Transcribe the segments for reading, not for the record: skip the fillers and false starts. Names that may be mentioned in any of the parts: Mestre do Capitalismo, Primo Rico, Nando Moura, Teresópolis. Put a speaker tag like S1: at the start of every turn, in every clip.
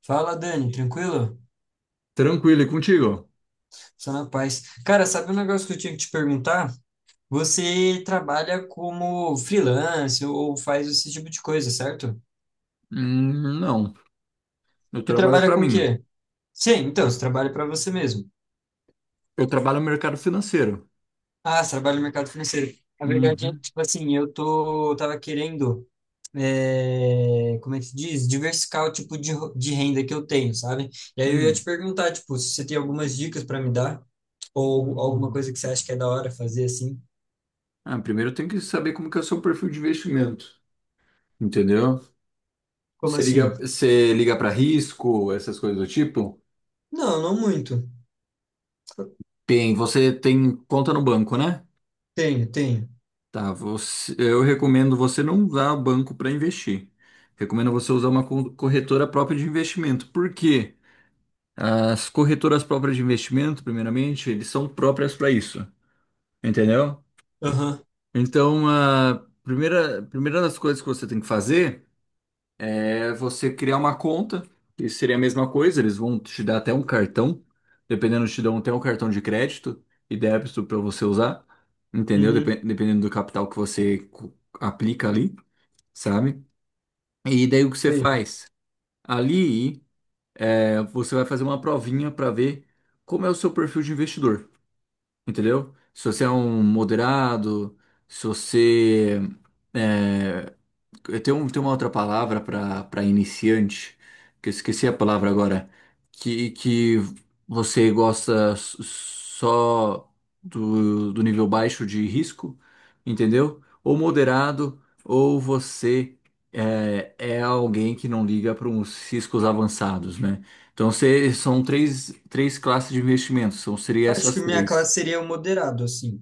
S1: Fala, Dani, tranquilo?
S2: Tranquilo, e contigo?
S1: Só na paz. Cara, sabe um negócio que eu tinha que te perguntar? Você trabalha como freelance ou faz esse tipo de coisa, certo?
S2: Não, eu
S1: Você
S2: trabalho
S1: trabalha
S2: para
S1: com o
S2: mim.
S1: quê? Sim, então, você trabalha para você mesmo.
S2: Eu trabalho no mercado financeiro.
S1: Ah, você trabalha no mercado financeiro. Na verdade, é,
S2: Uhum.
S1: tipo assim, eu tava querendo, é, como é que se diz? Diversificar o tipo de, de renda que eu tenho, sabe? E aí eu ia te
S2: Hum.
S1: perguntar, tipo, se você tem algumas dicas para me dar ou alguma coisa que você acha que é da hora fazer assim.
S2: Ah, primeiro eu tenho que saber como que é o seu perfil de investimento, entendeu?
S1: Como
S2: Você
S1: assim?
S2: liga, você liga para risco, essas coisas do tipo?
S1: Não, não muito.
S2: Bem, você tem conta no banco, né?
S1: Tenho, tenho.
S2: Tá, eu recomendo você não usar banco para investir. Recomendo você usar uma corretora própria de investimento. Por quê? As corretoras próprias de investimento, primeiramente, eles são próprias para isso, entendeu?
S1: Aham.
S2: Então, a primeira das coisas que você tem que fazer é você criar uma conta, que seria a mesma coisa, eles vão te dar até um cartão, dependendo, te dão até um cartão de crédito e débito para você usar, entendeu?
S1: Uhum.
S2: Dependendo do capital que você aplica ali, sabe? E daí o que você
S1: Tenho.
S2: faz? Ali, é, você vai fazer uma provinha para ver como é o seu perfil de investidor, entendeu? Se você é um moderado, se você é, tem uma outra palavra para iniciante, que eu esqueci a palavra agora, que você gosta só do nível baixo de risco, entendeu? Ou moderado, ou você é alguém que não liga para uns riscos avançados, né? Então, você, são três classes de investimentos, são, seria
S1: Acho que
S2: essas
S1: minha
S2: três.
S1: classe seria o moderado, assim.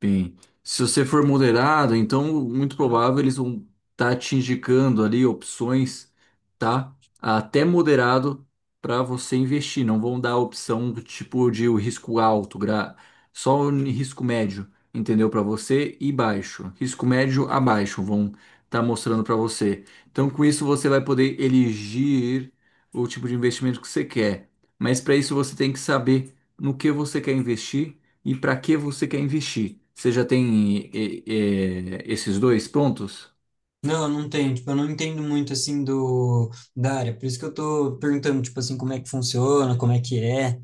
S2: Bem, se você for moderado, então muito provável eles vão estar te indicando ali opções, tá? Até moderado para você investir. Não vão dar a opção do tipo de o risco alto, gra... só o risco médio, entendeu? Para você e baixo. Risco médio abaixo vão estar mostrando para você. Então, com isso você vai poder elegir o tipo de investimento que você quer. Mas para isso você tem que saber no que você quer investir e para que você quer investir? Você já tem esses dois prontos?
S1: Não, não tenho. Tipo, eu não entendo muito, assim, da área. Por isso que eu tô perguntando, tipo assim, como é que funciona, como é que é.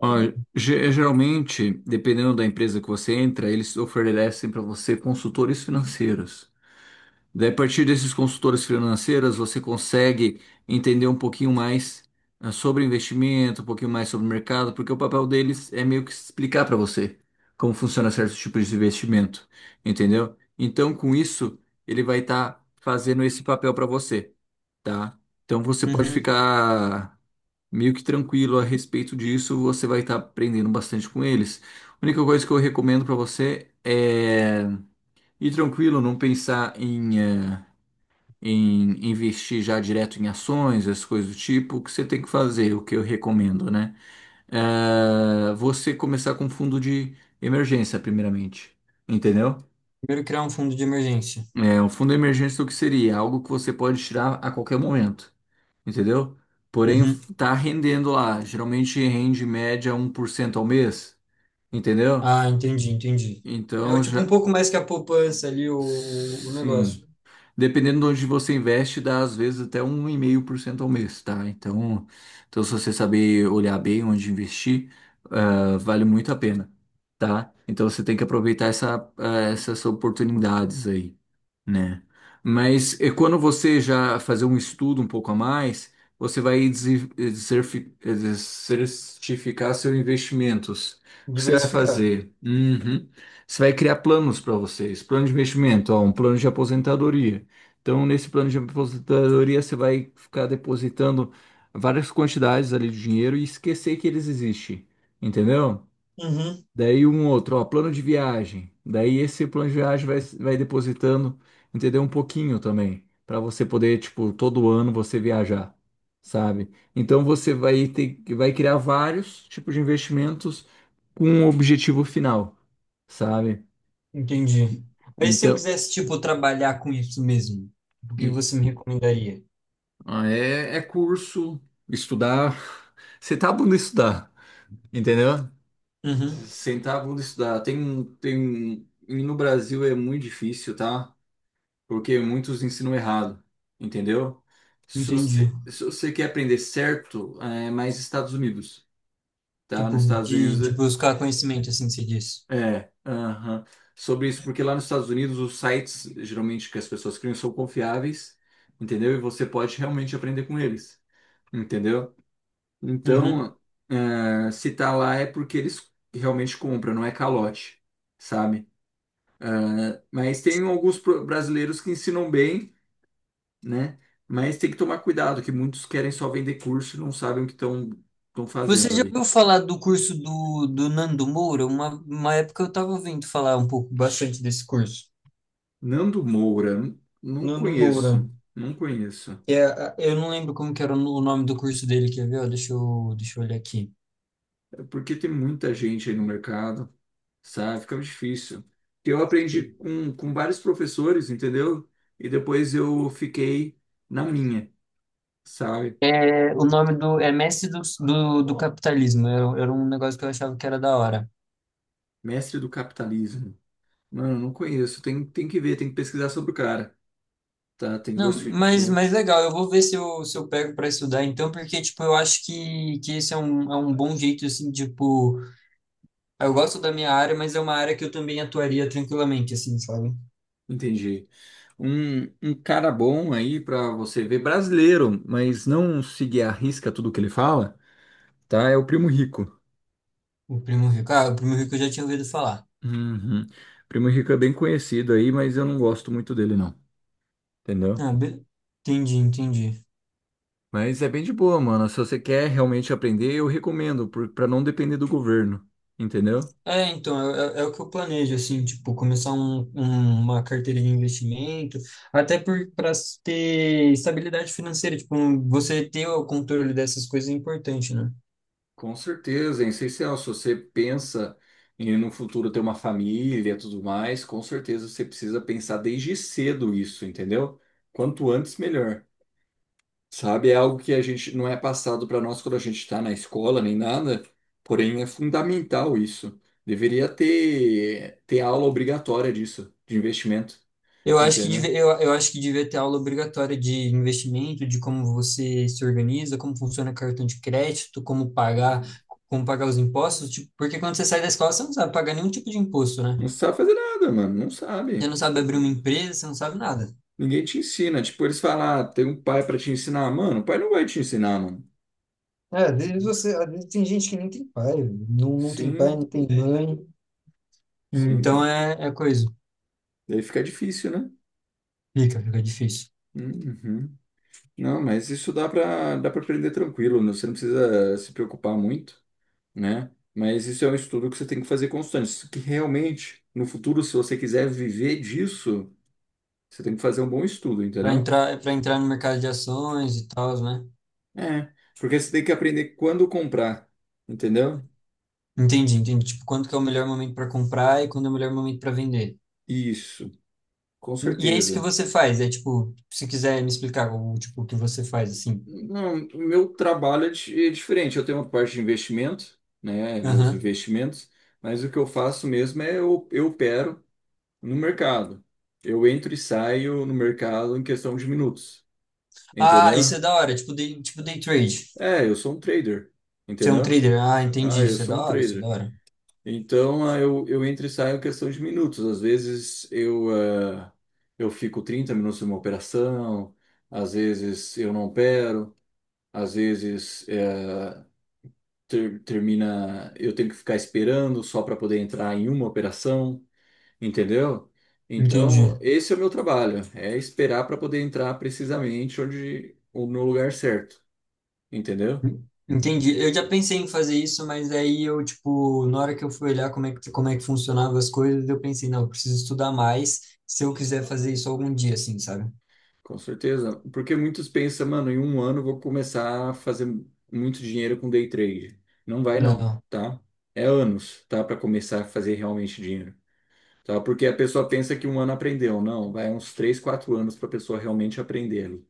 S2: Ó, geralmente, dependendo da empresa que você entra, eles oferecem para você consultores financeiros. Daí, a partir desses consultores financeiros, você consegue entender um pouquinho mais sobre investimento, um pouquinho mais sobre o mercado, porque o papel deles é meio que explicar para você como funciona certos tipos de investimento, entendeu? Então, com isso, ele vai estar fazendo esse papel para você. Tá? Então você pode
S1: Uhum.
S2: ficar meio que tranquilo a respeito disso, você vai estar aprendendo bastante com eles. A única coisa que eu recomendo para você é ir tranquilo, não pensar em investir já direto em ações, as coisas do tipo, o que você tem que fazer, o que eu recomendo, né? É você começar com fundo de emergência, primeiramente, entendeu?
S1: Primeiro criar um fundo de emergência.
S2: É, um fundo de emergência, o que seria? Algo que você pode tirar a qualquer momento. Entendeu? Porém,
S1: Uhum.
S2: tá rendendo lá. Geralmente rende em média 1% ao mês, entendeu?
S1: Ah, entendi, entendi. É o
S2: Então
S1: tipo um
S2: já.
S1: pouco mais que a poupança ali, o
S2: Sim.
S1: negócio.
S2: Dependendo de onde você investe, dá às vezes até 1,5% ao mês, tá? Então, se você saber olhar bem onde investir, vale muito a pena, tá? Então, você tem que aproveitar essas oportunidades aí. Né? Mas é quando você já fazer um estudo um pouco a mais, você vai certificar seus investimentos. O que você vai
S1: Diversificar.
S2: fazer? Uhum. Você vai criar planos para vocês. Plano de investimento, ó, um plano de aposentadoria. Então, nesse plano de aposentadoria, você vai ficar depositando várias quantidades ali de dinheiro e esquecer que eles existem. Entendeu?
S1: Uhum.
S2: Daí um outro, ó, plano de viagem. Daí esse plano de viagem vai depositando, entendeu? Um pouquinho também, para você poder, tipo, todo ano você viajar, sabe? Então você vai ter, vai criar vários tipos de investimentos com um objetivo final, sabe?
S1: Entendi. Mas se eu
S2: Então,
S1: quisesse, tipo, trabalhar com isso mesmo, o que você me
S2: e-
S1: recomendaria?
S2: é curso, estudar, sentar a bunda e estudar, entendeu?
S1: Uhum.
S2: Sentar a bunda e estudar. E no Brasil é muito difícil, tá? Porque muitos ensinam errado, entendeu? Se
S1: Entendi.
S2: você, se você quer aprender certo, é mais Estados Unidos, tá?
S1: Tipo,
S2: Nos Estados
S1: de
S2: Unidos,
S1: buscar conhecimento, assim se diz.
S2: é, aham. Sobre isso, porque lá nos Estados Unidos os sites geralmente que as pessoas criam são confiáveis, entendeu? E você pode realmente aprender com eles, entendeu?
S1: Uhum.
S2: Então, é, se tá lá é porque eles realmente compram, não é calote, sabe? É, mas tem alguns brasileiros que ensinam bem, né? Mas tem que tomar cuidado, que muitos querem só vender curso e não sabem o que estão
S1: Você
S2: fazendo
S1: já
S2: ali.
S1: ouviu falar do curso do Nando Moura? Uma época eu estava ouvindo falar um pouco, bastante desse curso.
S2: Nando Moura, não
S1: Nando Moura.
S2: conheço, não conheço.
S1: É, eu não lembro como que era o o nome do curso dele, quer ver? Ó, deixa eu, deixa eu olhar aqui.
S2: É porque tem muita gente aí no mercado, sabe? Fica difícil. Eu aprendi com vários professores, entendeu? E depois eu fiquei na minha, sabe?
S1: É, o nome do... É Mestre do Capitalismo. Era um negócio que eu achava que era da hora.
S2: Mestre do capitalismo. Mano, não conheço. Tem que ver, tem que pesquisar sobre o cara, tá? Tem que ver os
S1: Não, mas
S2: feedback.
S1: legal, eu vou ver se eu, se eu pego para estudar então, porque, tipo, eu acho que esse é um bom jeito, assim, tipo, eu gosto da minha área, mas é uma área que eu também atuaria tranquilamente, assim, sabe?
S2: Entendi. Um cara bom aí pra você ver, brasileiro, mas não seguir à risca tudo que ele fala, tá? É o Primo Rico.
S1: O Primo Rico. Ah, o Primo Rico eu já tinha ouvido falar.
S2: Uhum. Primo Rico é bem conhecido aí, mas eu não gosto muito dele, não. Entendeu?
S1: Ah, be... entendi, entendi.
S2: Mas é bem de boa, mano. Se você quer realmente aprender, eu recomendo, pra não depender do governo. Entendeu?
S1: É, então, é o que eu planejo, assim, tipo, começar um, uma carteira de investimento, até por, para ter estabilidade financeira, tipo, você ter o controle dessas coisas é importante, né?
S2: Com certeza, é essencial. Se você pensa em no futuro ter uma família e tudo mais, com certeza você precisa pensar desde cedo isso, entendeu? Quanto antes, melhor. Sabe, é algo que a gente não é passado para nós quando a gente está na escola nem nada, porém é fundamental isso. Deveria ter aula obrigatória disso, de investimento,
S1: Eu acho que
S2: entendeu?
S1: eu acho que devia ter aula obrigatória de investimento, de como você se organiza, como funciona cartão de crédito,
S2: Uhum.
S1: como pagar os impostos, tipo, porque quando você sai da escola, você não sabe pagar nenhum tipo de imposto, né?
S2: Não sabe fazer nada, mano, não
S1: Você
S2: sabe.
S1: não sabe abrir uma empresa, você não sabe nada.
S2: Ninguém te ensina. Tipo, eles falam, ah, tem um pai para te ensinar. Mano, o pai não vai te ensinar, mano.
S1: É,
S2: Uhum.
S1: às vezes tem gente que nem tem pai, não, não tem pai,
S2: Sim,
S1: não tem É. mãe. Então
S2: sim.
S1: é, é coisa.
S2: Daí fica difícil, né?
S1: Fica, fica difícil.
S2: Uhum. Não, mas isso dá para aprender tranquilo, né? Você não precisa se preocupar muito. Né? Mas isso é um estudo que você tem que fazer constante. Isso. Que realmente, no futuro, se você quiser viver disso, você tem que fazer um bom estudo, entendeu?
S1: Para entrar no mercado de ações e tal, né?
S2: É, porque você tem que aprender quando comprar, entendeu?
S1: Entendi, entendi. Tipo, quando que é o melhor momento para comprar e quando é o melhor momento para vender.
S2: Isso, com
S1: E é isso que
S2: certeza.
S1: você faz, é tipo, se quiser me explicar o tipo o que você faz assim.
S2: Não, o meu trabalho é é diferente. Eu tenho uma parte de investimento, né? Meus
S1: Aham.
S2: investimentos, mas o que eu faço mesmo é eu opero no mercado. Eu entro e saio no mercado em questão de minutos,
S1: Ah,
S2: entendeu?
S1: isso é da hora, tipo day trade.
S2: É, eu sou um trader,
S1: Você é um
S2: entendeu?
S1: trader. Ah,
S2: Ah,
S1: entendi,
S2: eu
S1: isso é
S2: sou
S1: da
S2: um
S1: hora, isso é da
S2: trader.
S1: hora.
S2: Então, ah, eu entro e saio em questão de minutos. Às vezes eh, eu fico 30 minutos numa operação, às vezes eu não opero, às vezes termina, eu tenho que ficar esperando só para poder entrar em uma operação, entendeu? Então,
S1: Entendi.
S2: esse é o meu trabalho, é esperar para poder entrar precisamente onde, no lugar certo, entendeu?
S1: En- Entendi. Eu já pensei em fazer isso, mas aí eu tipo, na hora que eu fui olhar como é que funcionava as coisas, eu pensei, não, eu preciso estudar mais se eu quiser fazer isso algum dia assim, sabe?
S2: Com certeza, porque muitos pensam, mano, em um ano eu vou começar a fazer muito dinheiro com day trade. Não vai não,
S1: Não.
S2: tá? É anos, tá? Para começar a fazer realmente dinheiro, tá? Porque a pessoa pensa que um ano aprendeu. Não, vai uns 3 4 anos para a pessoa realmente aprender,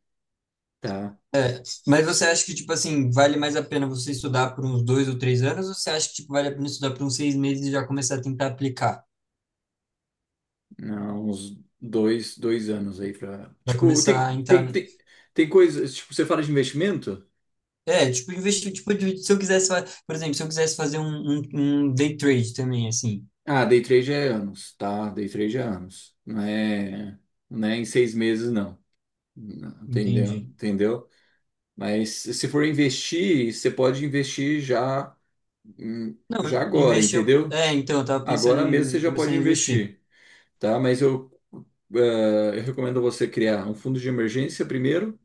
S2: tá?
S1: É, mas você acha que, tipo assim, vale mais a pena você estudar por uns dois ou três anos, ou você acha que, tipo, vale a pena estudar por uns seis meses e já começar a tentar aplicar?
S2: Não, uns dois anos aí para...
S1: Pra
S2: Tipo,
S1: começar a entrar.
S2: tem coisas... Tipo, você fala de investimento?
S1: É, tipo, investir, tipo, se eu quisesse, por exemplo, se eu quisesse fazer um, um, um day trade também, assim,
S2: Ah, day trade é anos, tá? Day trade é anos. Não é em 6 meses, não. Entendeu?
S1: entendi.
S2: Entendeu? Mas se for investir, você pode investir já,
S1: Não,
S2: já agora,
S1: investir.
S2: entendeu?
S1: É, então, eu tava pensando
S2: Agora mesmo você
S1: em
S2: já
S1: começar a
S2: pode
S1: investir
S2: investir, tá? Mas eu recomendo você criar um fundo de emergência primeiro,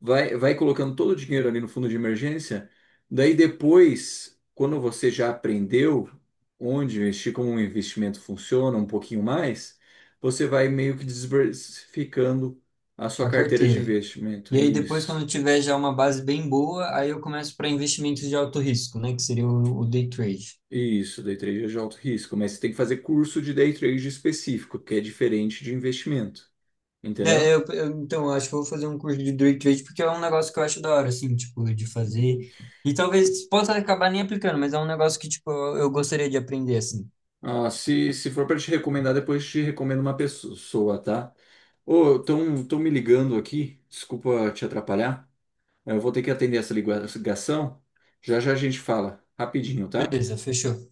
S2: vai colocando todo o dinheiro ali no fundo de emergência, daí depois, quando você já aprendeu onde investir, como um investimento funciona, um pouquinho mais, você vai meio que diversificando a sua
S1: a
S2: carteira de
S1: carteira.
S2: investimento.
S1: E aí depois, quando
S2: Isso.
S1: eu tiver já uma base bem boa, aí eu começo para investimentos de alto risco, né? Que seria o day trade.
S2: Isso, day trade é de alto risco, mas você tem que fazer curso de day trade específico, que é diferente de investimento,
S1: É,
S2: entendeu?
S1: então, eu acho que eu vou fazer um curso de day trade porque é um negócio que eu acho da hora, assim, tipo, de fazer. E talvez possa acabar nem aplicando, mas é um negócio que, tipo, eu gostaria de aprender, assim.
S2: Ah, se for para te recomendar, depois te recomendo uma pessoa, tá? Ô, estão tão me ligando aqui. Desculpa te atrapalhar. Eu vou ter que atender essa ligação. Já já a gente fala. Rapidinho, tá?
S1: Beleza, fechou.